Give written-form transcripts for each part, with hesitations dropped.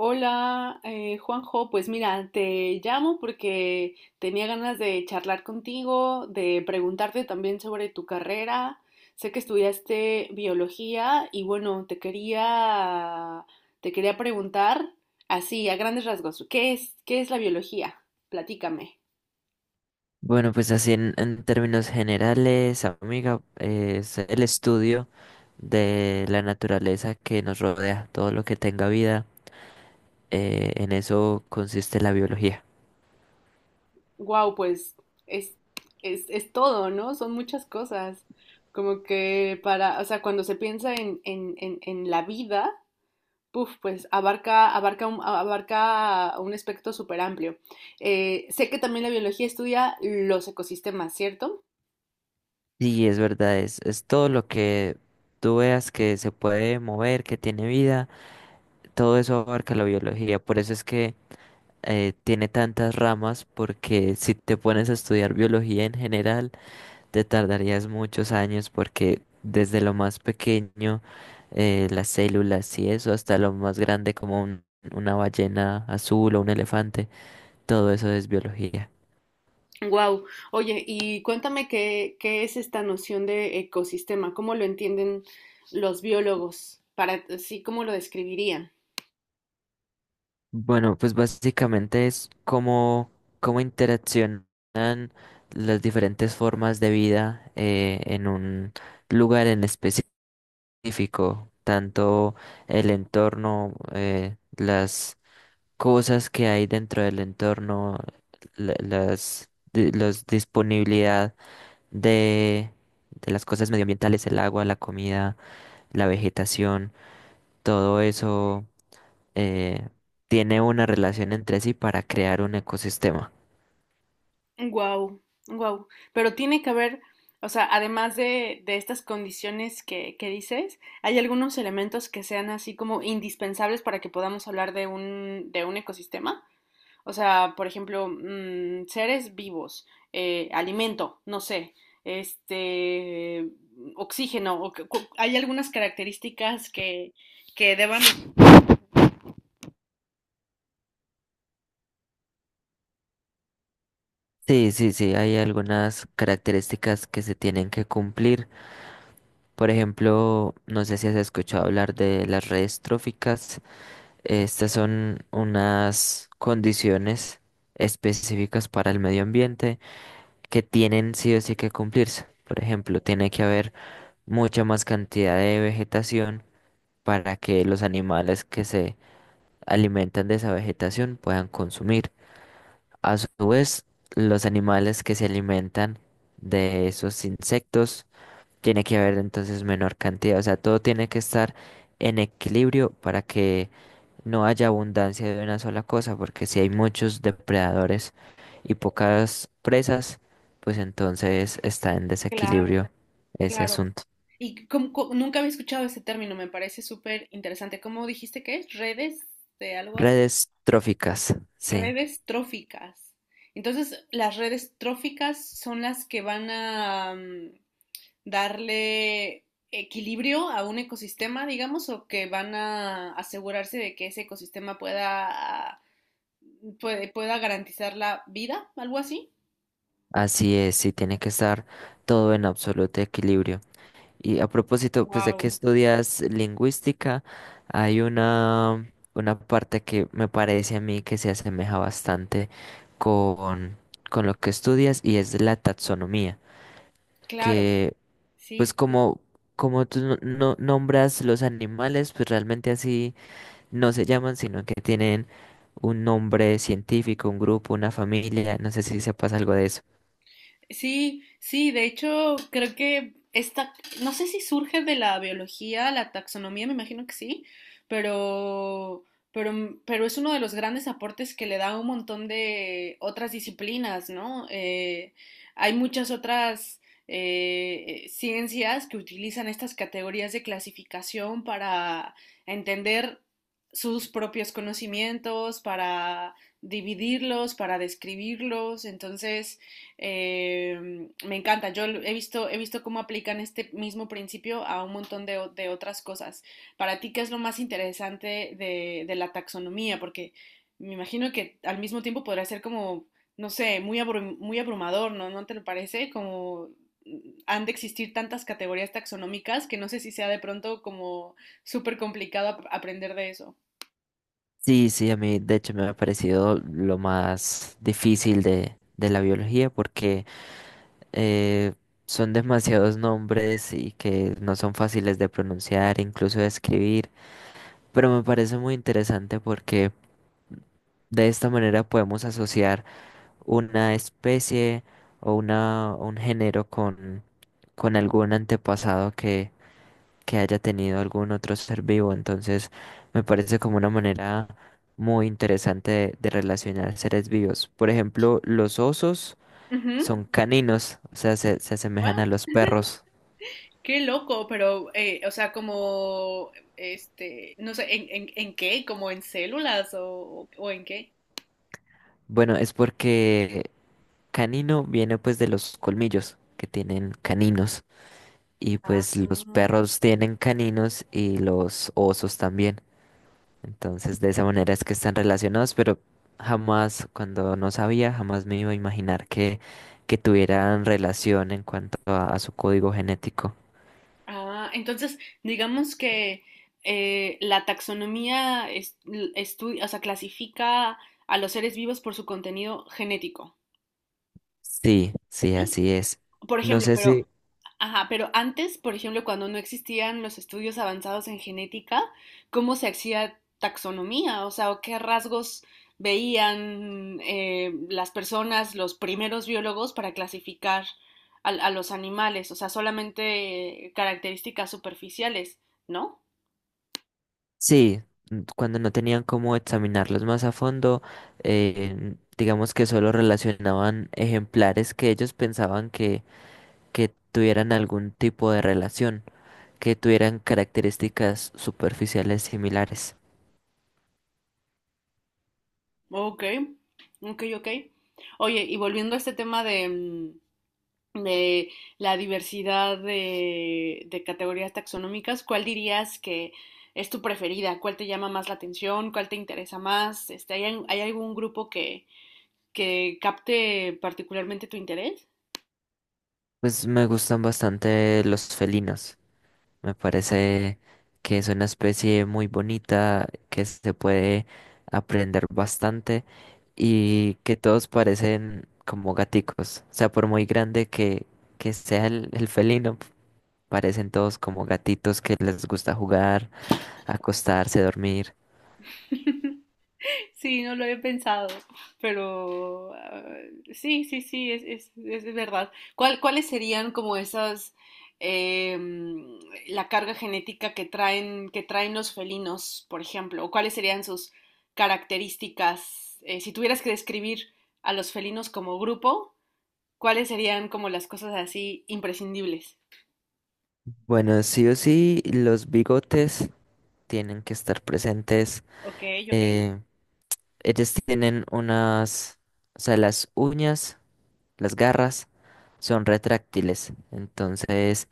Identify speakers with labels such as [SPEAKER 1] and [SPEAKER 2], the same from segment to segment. [SPEAKER 1] Hola, Juanjo, pues mira, te llamo porque tenía ganas de charlar contigo, de preguntarte también sobre tu carrera. Sé que estudiaste biología y bueno, te quería preguntar así a grandes rasgos, ¿qué es la biología? Platícame.
[SPEAKER 2] Bueno, pues así en términos generales, amiga, es el estudio de la naturaleza que nos rodea, todo lo que tenga vida, en eso consiste la biología.
[SPEAKER 1] Wow, pues es es todo, ¿no? Son muchas cosas. Como que para, o sea, cuando se piensa en la vida. Uf, pues abarca un espectro súper amplio. Sé que también la biología estudia los ecosistemas, ¿cierto?
[SPEAKER 2] Sí, es verdad, es todo lo que tú veas que se puede mover, que tiene vida, todo eso abarca la biología, por eso es que tiene tantas ramas, porque si te pones a estudiar biología en general, te tardarías muchos años porque desde lo más pequeño, las células y eso, hasta lo más grande como una ballena azul o un elefante, todo eso es biología.
[SPEAKER 1] Wow. Oye, y cuéntame qué, qué es esta noción de ecosistema, cómo lo entienden los biólogos, para sí, cómo lo describirían.
[SPEAKER 2] Bueno, pues básicamente es cómo interaccionan las diferentes formas de vida en un lugar en específico, tanto el entorno, las cosas que hay dentro del entorno, las disponibilidad de, de las cosas medioambientales, el agua, la comida, la vegetación, todo eso eh, tiene una relación entre sí para crear un ecosistema.
[SPEAKER 1] Wow, wow. Pero tiene que haber, o sea, además de estas condiciones que dices, ¿hay algunos elementos que sean así como indispensables para que podamos hablar de un ecosistema? O sea, por ejemplo, seres vivos, alimento, no sé, este, oxígeno, hay algunas características que deban.
[SPEAKER 2] Sí, sí, sí, hay algunas características que se tienen que cumplir. Por ejemplo, no sé si has escuchado hablar de las redes tróficas. Estas son unas condiciones específicas para el medio ambiente que tienen sí o sí que cumplirse. Por ejemplo, tiene que haber mucha más cantidad de vegetación para que los animales que se alimentan de esa vegetación puedan consumir. A su vez, los animales que se alimentan de esos insectos, tiene que haber entonces menor cantidad. O sea, todo tiene que estar en equilibrio para que no haya abundancia de una sola cosa, porque si hay muchos depredadores y pocas presas, pues entonces está en
[SPEAKER 1] Claro,
[SPEAKER 2] desequilibrio ese
[SPEAKER 1] claro.
[SPEAKER 2] asunto.
[SPEAKER 1] Y nunca había escuchado ese término, me parece súper interesante. ¿Cómo dijiste que es? Redes de algo así.
[SPEAKER 2] Redes tróficas, sí,
[SPEAKER 1] Redes tróficas. Entonces, las redes tróficas son las que van a, darle equilibrio a un ecosistema, digamos, o que van a asegurarse de que ese ecosistema pueda, pueda garantizar la vida, algo así.
[SPEAKER 2] así es, sí tiene que estar todo en absoluto equilibrio. Y a propósito, pues de que
[SPEAKER 1] Wow,
[SPEAKER 2] estudias lingüística, hay una parte que me parece a mí que se asemeja bastante con, con lo que estudias y es la taxonomía,
[SPEAKER 1] claro,
[SPEAKER 2] que
[SPEAKER 1] sí,
[SPEAKER 2] pues
[SPEAKER 1] sí,
[SPEAKER 2] como, como tú nombras los animales, pues realmente así no se llaman, sino que tienen un nombre científico, un grupo, una familia. No sé si se pasa algo de eso.
[SPEAKER 1] sí, sí, de hecho, creo que esta, no sé si surge de la biología, la taxonomía, me imagino que sí, pero, pero es uno de los grandes aportes que le da a un montón de otras disciplinas, ¿no? Hay muchas otras ciencias que utilizan estas categorías de clasificación para entender sus propios conocimientos, para dividirlos, para describirlos, entonces. Me encanta, yo he visto cómo aplican este mismo principio a un montón de otras cosas. Para ti, ¿qué es lo más interesante de la taxonomía? Porque me imagino que al mismo tiempo podrá ser como, no sé, muy abrumador, ¿no? ¿No te lo parece? Como mm, han de existir tantas categorías taxonómicas que no sé si sea de pronto como súper complicado aprender de eso.
[SPEAKER 2] Sí, sí, a mí de hecho me ha parecido lo más difícil de la biología porque eh, son demasiados nombres y que no son fáciles de pronunciar, incluso de escribir. Pero me parece muy interesante porque de esta manera podemos asociar una especie o un género con algún antepasado que haya tenido algún otro ser vivo. Entonces, me parece como una manera muy interesante de relacionar seres vivos. Por ejemplo, los osos
[SPEAKER 1] Ujú.
[SPEAKER 2] son caninos, o sea, se asemejan a los perros.
[SPEAKER 1] Qué loco, pero, o sea, como, no sé, ¿en qué? ¿Como en células o en qué?
[SPEAKER 2] Bueno, es porque canino viene pues de los colmillos que tienen caninos. Y
[SPEAKER 1] Ah,
[SPEAKER 2] pues los perros tienen caninos y los osos también. Entonces, de esa manera es que están relacionados, pero jamás, cuando no sabía, jamás me iba a imaginar que tuvieran relación en cuanto a su código genético.
[SPEAKER 1] ah, entonces, digamos que la taxonomía o sea, clasifica a los seres vivos por su contenido genético.
[SPEAKER 2] Sí, sí,
[SPEAKER 1] ¿Sí?
[SPEAKER 2] así es.
[SPEAKER 1] Por
[SPEAKER 2] No
[SPEAKER 1] ejemplo,
[SPEAKER 2] sé
[SPEAKER 1] pero.
[SPEAKER 2] si,
[SPEAKER 1] Ajá, pero antes, por ejemplo, cuando no existían los estudios avanzados en genética, ¿cómo se hacía taxonomía? O sea, ¿o ¿qué rasgos veían las personas, los primeros biólogos, para clasificar a los animales? O sea, solamente características superficiales, ¿no?
[SPEAKER 2] sí, n- cuando no tenían cómo examinarlos más a fondo, digamos que solo relacionaban ejemplares que ellos pensaban que tuvieran algún tipo de relación, que tuvieran características superficiales similares.
[SPEAKER 1] Ok, ok, ok. Oye, y volviendo a este tema de la diversidad de categorías taxonómicas, ¿cuál dirías que es tu preferida? ¿Cuál te llama más la atención? ¿Cuál te interesa más? ¿Hay algún grupo que capte particularmente tu interés?
[SPEAKER 2] Pues me gustan bastante los felinos. Me parece que es una especie muy bonita, que se puede aprender bastante y que todos parecen como gaticos. O sea, por muy grande que sea el felino, parecen todos como gatitos que les gusta jugar, acostarse, dormir.
[SPEAKER 1] Sí, no lo he pensado, pero ah, sí, sí, sí, es, verdad. ¿Cuál, cuáles serían como esas, em, la carga genética que traen los felinos, por ejemplo? ¿O cuáles serían sus características? Si tuvieras que describir a los felinos como grupo, ¿cuáles serían como las cosas así imprescindibles?
[SPEAKER 2] Bueno, sí o sí, los bigotes tienen que estar presentes.
[SPEAKER 1] Ok, ok.
[SPEAKER 2] Eh, ellos tienen unas, o sea, las uñas. Las garras son retráctiles, entonces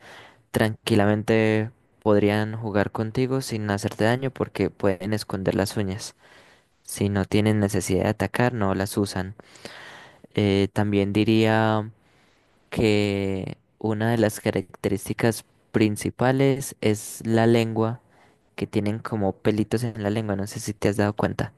[SPEAKER 2] tranquilamente podrían jugar contigo sin hacerte daño porque pueden esconder las uñas. Si no tienen necesidad de atacar, no las usan. También diría que una de las características principales es la lengua, que tienen como pelitos en la lengua, no sé si te has dado cuenta.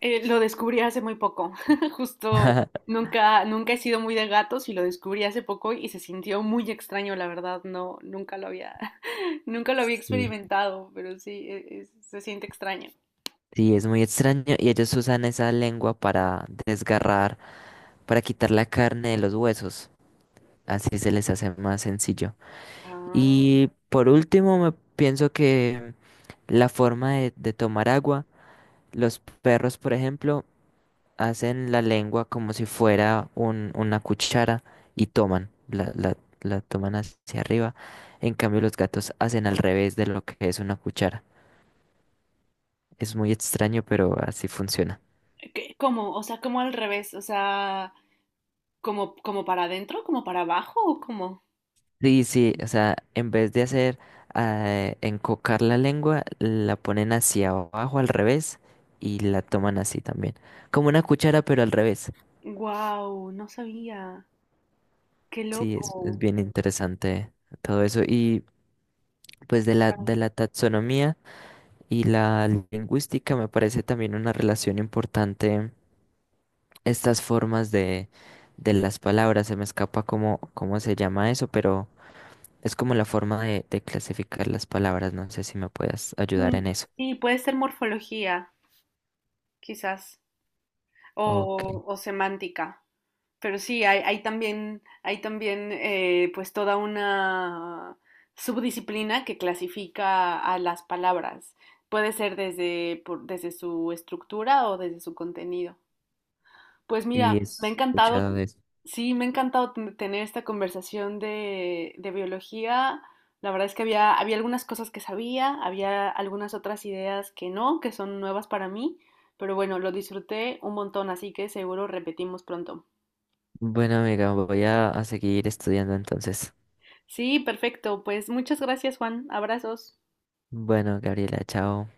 [SPEAKER 1] Lo descubrí hace muy poco, justo nunca, nunca he sido muy de gatos y lo descubrí hace poco y se sintió muy extraño, la verdad, no, nunca lo había, nunca lo había
[SPEAKER 2] Sí.
[SPEAKER 1] experimentado, pero sí, se siente extraño.
[SPEAKER 2] Sí, es muy extraño y ellos usan esa lengua para desgarrar para quitar la carne de los huesos. Así se les hace más sencillo.
[SPEAKER 1] Ah,
[SPEAKER 2] Y por último, me pienso que la forma de tomar agua, los perros, por ejemplo, hacen la lengua como si fuera una cuchara y toman, la toman hacia arriba. En cambio, los gatos hacen al revés de lo que es una cuchara. Es muy extraño, pero así funciona.
[SPEAKER 1] cómo? O sea, ¿como al revés, o sea, como para adentro, como para abajo o cómo?
[SPEAKER 2] Sí, sí, o sea, en vez de hacer encocar la lengua, la ponen hacia abajo al revés y la toman así también. Como una cuchara, pero al revés.
[SPEAKER 1] Wow, no sabía. Qué
[SPEAKER 2] Sí, es
[SPEAKER 1] loco.
[SPEAKER 2] bien interesante todo eso. Y pues de de
[SPEAKER 1] Guau.
[SPEAKER 2] la taxonomía y la lingüística me parece también una relación importante estas formas de las palabras. Se me escapa cómo, cómo se llama eso, pero es como la forma de clasificar las palabras. No sé si me puedas ayudar
[SPEAKER 1] Mm,
[SPEAKER 2] en eso.
[SPEAKER 1] sí, puede ser morfología, quizás,
[SPEAKER 2] Ok,
[SPEAKER 1] o, o semántica. Pero sí, hay también pues toda una subdisciplina que clasifica a las palabras. Puede ser desde su estructura o desde su contenido. Pues mira,
[SPEAKER 2] sí, he
[SPEAKER 1] me ha encantado,
[SPEAKER 2] escuchado eso.
[SPEAKER 1] sí, me ha encantado tener esta conversación de biología. La verdad es que había algunas cosas que sabía, había algunas otras ideas que no, que son nuevas para mí, pero bueno, lo disfruté un montón, así que seguro repetimos pronto.
[SPEAKER 2] Bueno, amiga, voy a seguir estudiando entonces.
[SPEAKER 1] Sí, perfecto. Pues muchas gracias, Juan. Abrazos.
[SPEAKER 2] Bueno, Gabriela, chao.